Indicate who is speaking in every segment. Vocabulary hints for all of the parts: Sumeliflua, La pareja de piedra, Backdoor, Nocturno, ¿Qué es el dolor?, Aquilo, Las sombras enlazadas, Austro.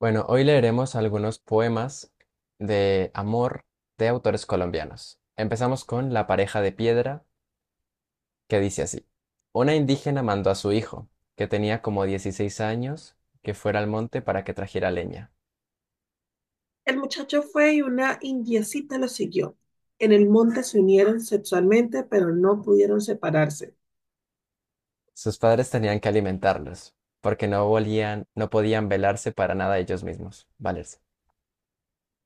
Speaker 1: Bueno, hoy leeremos algunos poemas de amor de autores colombianos. Empezamos con La pareja de piedra, que dice así. Una indígena mandó a su hijo, que tenía como 16 años, que fuera al monte para que trajera leña.
Speaker 2: El muchacho fue y una indiecita lo siguió. En el monte se unieron sexualmente, pero no pudieron separarse.
Speaker 1: Sus padres tenían que alimentarlos, porque no volían, no podían velarse para nada ellos mismos, valerse.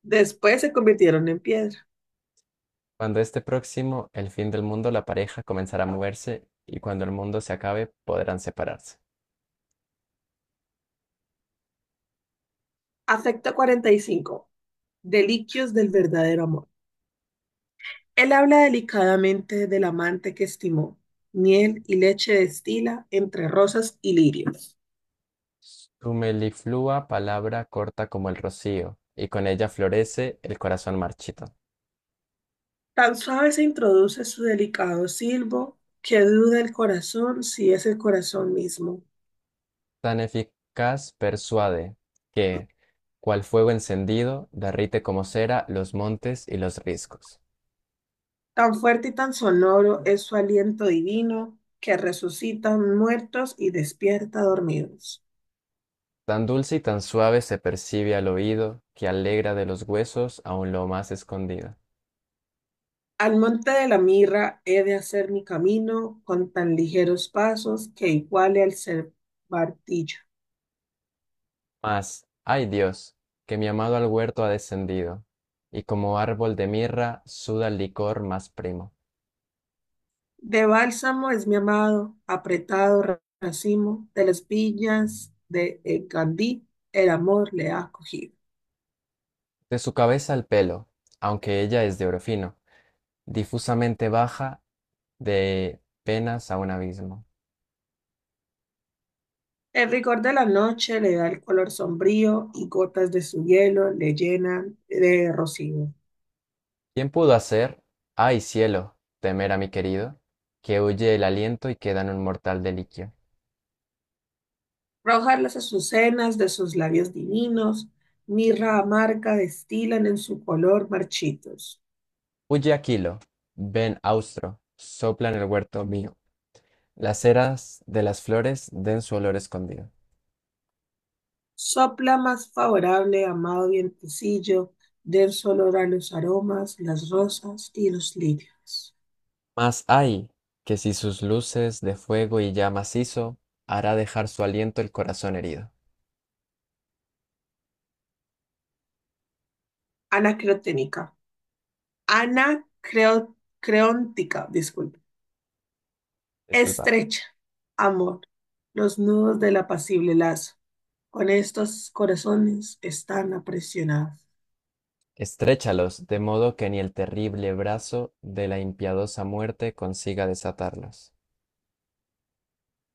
Speaker 2: Después se convirtieron en piedra.
Speaker 1: Cuando esté próximo el fin del mundo, la pareja comenzará a moverse y cuando el mundo se acabe, podrán separarse.
Speaker 2: Afecto 45. Deliquios del verdadero amor. Él habla delicadamente del amante que estimó. Miel y leche destila entre rosas y lirios.
Speaker 1: Sumeliflua, palabra corta como el rocío, y con ella florece el corazón marchito.
Speaker 2: Tan suave se introduce su delicado silbo que duda el corazón si es el corazón mismo.
Speaker 1: Tan eficaz persuade que, cual fuego encendido, derrite como cera los montes y los riscos.
Speaker 2: Tan fuerte y tan sonoro es su aliento divino que resucita muertos y despierta dormidos.
Speaker 1: Tan dulce y tan suave se percibe al oído, que alegra de los huesos aun lo más escondido.
Speaker 2: Al monte de la mirra he de hacer mi camino con tan ligeros pasos que iguale al ser martillo.
Speaker 1: Mas, ay Dios, que mi amado al huerto ha descendido, y como árbol de mirra suda el licor más primo.
Speaker 2: De bálsamo es mi amado, apretado racimo de las viñas de Gandí, el amor le ha cogido.
Speaker 1: De su cabeza al pelo, aunque ella es de oro fino, difusamente baja de penas a un abismo.
Speaker 2: El rigor de la noche le da el color sombrío y gotas de su hielo le llenan de rocío.
Speaker 1: ¿Quién pudo hacer, ay cielo, temer a mi querido, que huye el aliento y queda en un mortal deliquio?
Speaker 2: Rojas las azucenas de sus labios divinos, mirra amarga destilan en su color marchitos.
Speaker 1: Huye Aquilo, ven Austro, sopla en el huerto mío, las eras de las flores den su olor escondido.
Speaker 2: Sopla más favorable, amado vientecillo, denso olor a los aromas, las rosas y los lirios.
Speaker 1: Mas ay, que si sus luces de fuego y llamas hizo, hará dejar su aliento el corazón herido.
Speaker 2: Anacreónica. Anacreóntica, disculpe.
Speaker 1: Disculpa.
Speaker 2: Estrecha, amor, los nudos del apacible lazo. Con estos corazones están apresionados.
Speaker 1: Estréchalos, de modo que ni el terrible brazo de la impiadosa muerte consiga desatarlos.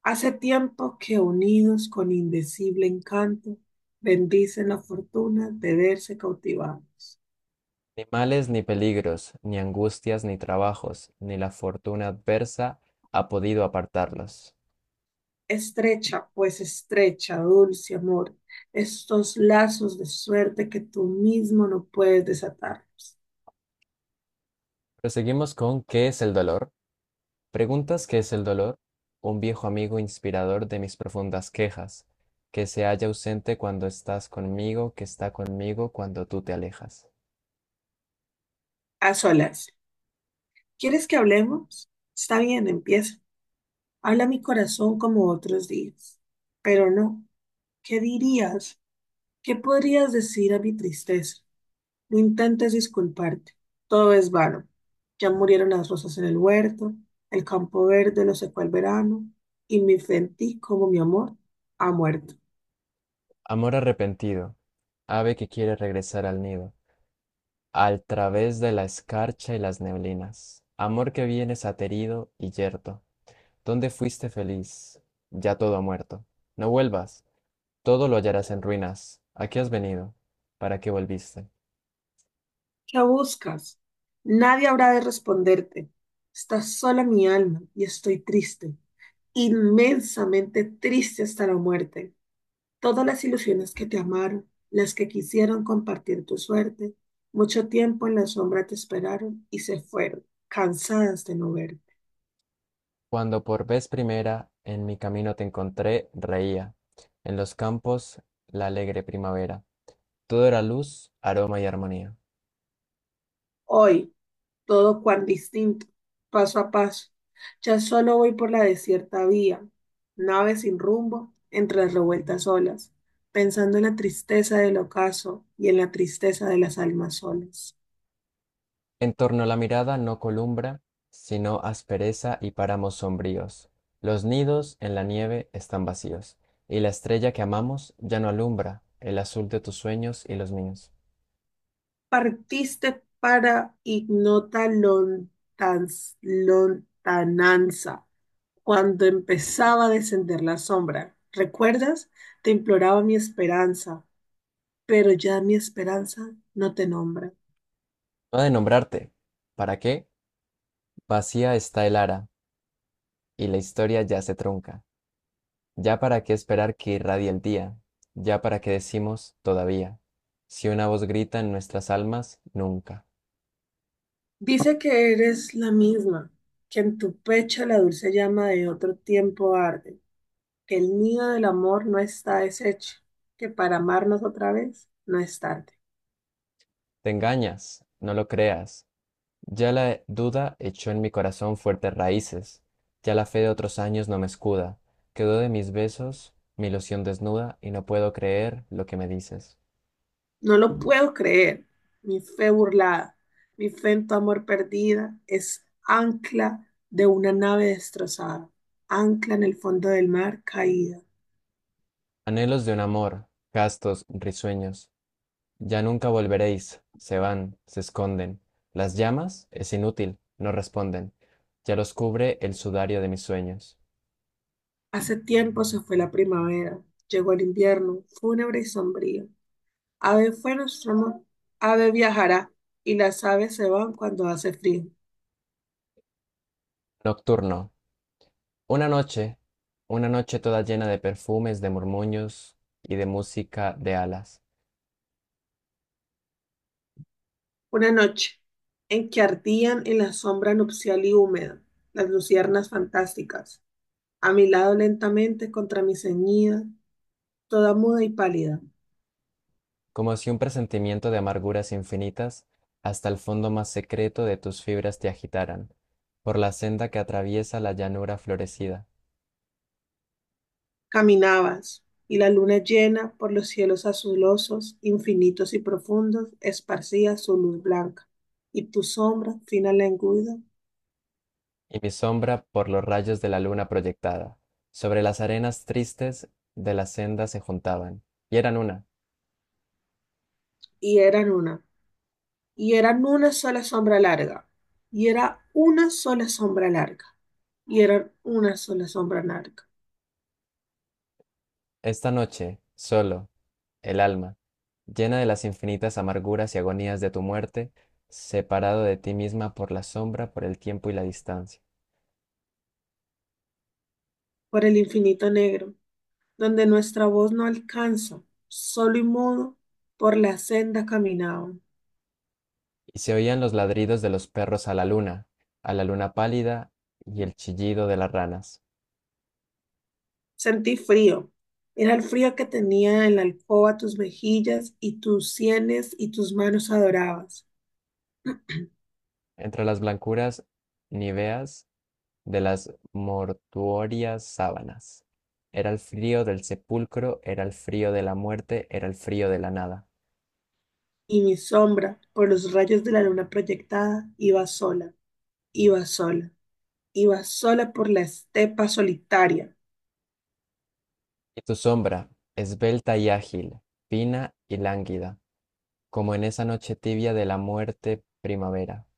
Speaker 2: Hace tiempo que unidos con indecible encanto, bendicen la fortuna de verse cautivados.
Speaker 1: Ni males ni peligros, ni angustias ni trabajos, ni la fortuna adversa ha podido apartarlos.
Speaker 2: Estrecha, pues estrecha, dulce amor, estos lazos de suerte que tú mismo no puedes desatarlos.
Speaker 1: Proseguimos con ¿qué es el dolor? ¿Preguntas qué es el dolor? Un viejo amigo inspirador de mis profundas quejas, que se halla ausente cuando estás conmigo, que está conmigo cuando tú te alejas.
Speaker 2: A solas, ¿quieres que hablemos? Está bien, empieza. Habla mi corazón como otros días. Pero no, ¿qué dirías? ¿Qué podrías decir a mi tristeza? No intentes disculparte, todo es vano. Ya murieron las rosas en el huerto, el campo verde lo secó el verano, y mi fe en ti, como mi amor, ha muerto.
Speaker 1: Amor arrepentido, ave que quiere regresar al nido. Al través de la escarcha y las neblinas, amor que vienes aterido y yerto, ¿dónde fuiste feliz? Ya todo ha muerto. No vuelvas, todo lo hallarás en ruinas. ¿A qué has venido, para qué volviste?
Speaker 2: ¿Qué buscas? Nadie habrá de responderte. Está sola mi alma y estoy triste, inmensamente triste hasta la muerte. Todas las ilusiones que te amaron, las que quisieron compartir tu suerte, mucho tiempo en la sombra te esperaron y se fueron, cansadas de no verte.
Speaker 1: Cuando por vez primera en mi camino te encontré, reía. En los campos la alegre primavera. Todo era luz, aroma y armonía.
Speaker 2: Hoy, todo cuán distinto, paso a paso. Ya solo voy por la desierta vía, nave sin rumbo, entre las revueltas olas, pensando en la tristeza del ocaso y en la tristeza de las almas solas.
Speaker 1: En torno a la mirada no columbra, sino aspereza y páramos sombríos. Los nidos en la nieve están vacíos, y la estrella que amamos ya no alumbra el azul de tus sueños y los míos.
Speaker 2: Partiste para lontananza, cuando empezaba a descender la sombra. ¿Recuerdas? Te imploraba mi esperanza, pero ya mi esperanza no te nombra.
Speaker 1: No ha de nombrarte. ¿Para qué? Vacía está el ara, y la historia ya se trunca. Ya para qué esperar que irradie el día, ya para qué decimos todavía, si una voz grita en nuestras almas, nunca.
Speaker 2: Dice que eres la misma, que en tu pecho la dulce llama de otro tiempo arde, que el nido del amor no está deshecho, que para amarnos otra vez no es tarde.
Speaker 1: Te engañas, no lo creas. Ya la duda echó en mi corazón fuertes raíces, ya la fe de otros años no me escuda, quedó de mis besos mi ilusión desnuda y no puedo creer lo que me dices.
Speaker 2: No lo puedo creer, mi fe burlada, mi fe en tu amor perdida es ancla de una nave destrozada, ancla en el fondo del mar caída.
Speaker 1: Anhelos de un amor, gastos, risueños, ya nunca volveréis, se van, se esconden. Las llamas, es inútil, no responden, ya los cubre el sudario de mis sueños.
Speaker 2: Hace tiempo se fue la primavera, llegó el invierno, fúnebre y sombrío. Ave fue nuestro amor, ave viajará, y las aves se van cuando hace frío.
Speaker 1: Nocturno, una noche, una noche toda llena de perfumes, de murmullos y de música de alas.
Speaker 2: Una noche en que ardían en la sombra nupcial y húmeda las luciernas fantásticas, a mi lado lentamente contra mi ceñida, toda muda y pálida,
Speaker 1: Como si un presentimiento de amarguras infinitas hasta el fondo más secreto de tus fibras te agitaran, por la senda que atraviesa la llanura florecida,
Speaker 2: caminabas, y la luna llena por los cielos azulosos, infinitos y profundos, esparcía su luz blanca, y tu sombra fina lenguda,
Speaker 1: y mi sombra por los rayos de la luna proyectada. Sobre las arenas tristes de la senda se juntaban, y eran una.
Speaker 2: y eran una, y eran una sola sombra larga, y era una sola sombra larga, y eran una sola sombra larga,
Speaker 1: Esta noche, solo, el alma, llena de las infinitas amarguras y agonías de tu muerte, separado de ti misma por la sombra, por el tiempo y la distancia.
Speaker 2: por el infinito negro, donde nuestra voz no alcanza, solo y mudo, por la senda caminaban.
Speaker 1: Y se oían los ladridos de los perros a la luna pálida y el chillido de las ranas,
Speaker 2: Sentí frío, era el frío que tenía en la alcoba tus mejillas y tus sienes y tus manos adorabas,
Speaker 1: entre las blancuras niveas de las mortuorias sábanas. Era el frío del sepulcro, era el frío de la muerte, era el frío de la nada.
Speaker 2: y mi sombra, por los rayos de la luna proyectada, iba sola, iba sola, iba sola por la estepa solitaria,
Speaker 1: Y tu sombra, esbelta y ágil, fina y lánguida, como en esa noche tibia de la muerte primavera.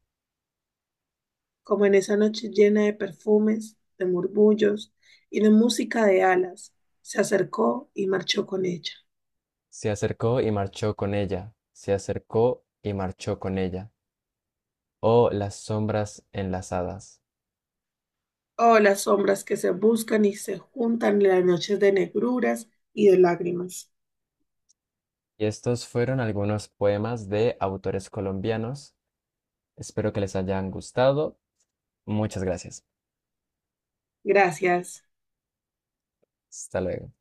Speaker 2: como en esa noche llena de perfumes, de murmullos y de música de alas, se acercó y marchó con ella.
Speaker 1: Se acercó y marchó con ella, se acercó y marchó con ella. O Las sombras enlazadas.
Speaker 2: Oh, las sombras que se buscan y se juntan en las noches de negruras y de lágrimas.
Speaker 1: Y estos fueron algunos poemas de autores colombianos. Espero que les hayan gustado. Muchas gracias.
Speaker 2: Gracias.
Speaker 1: Hasta luego.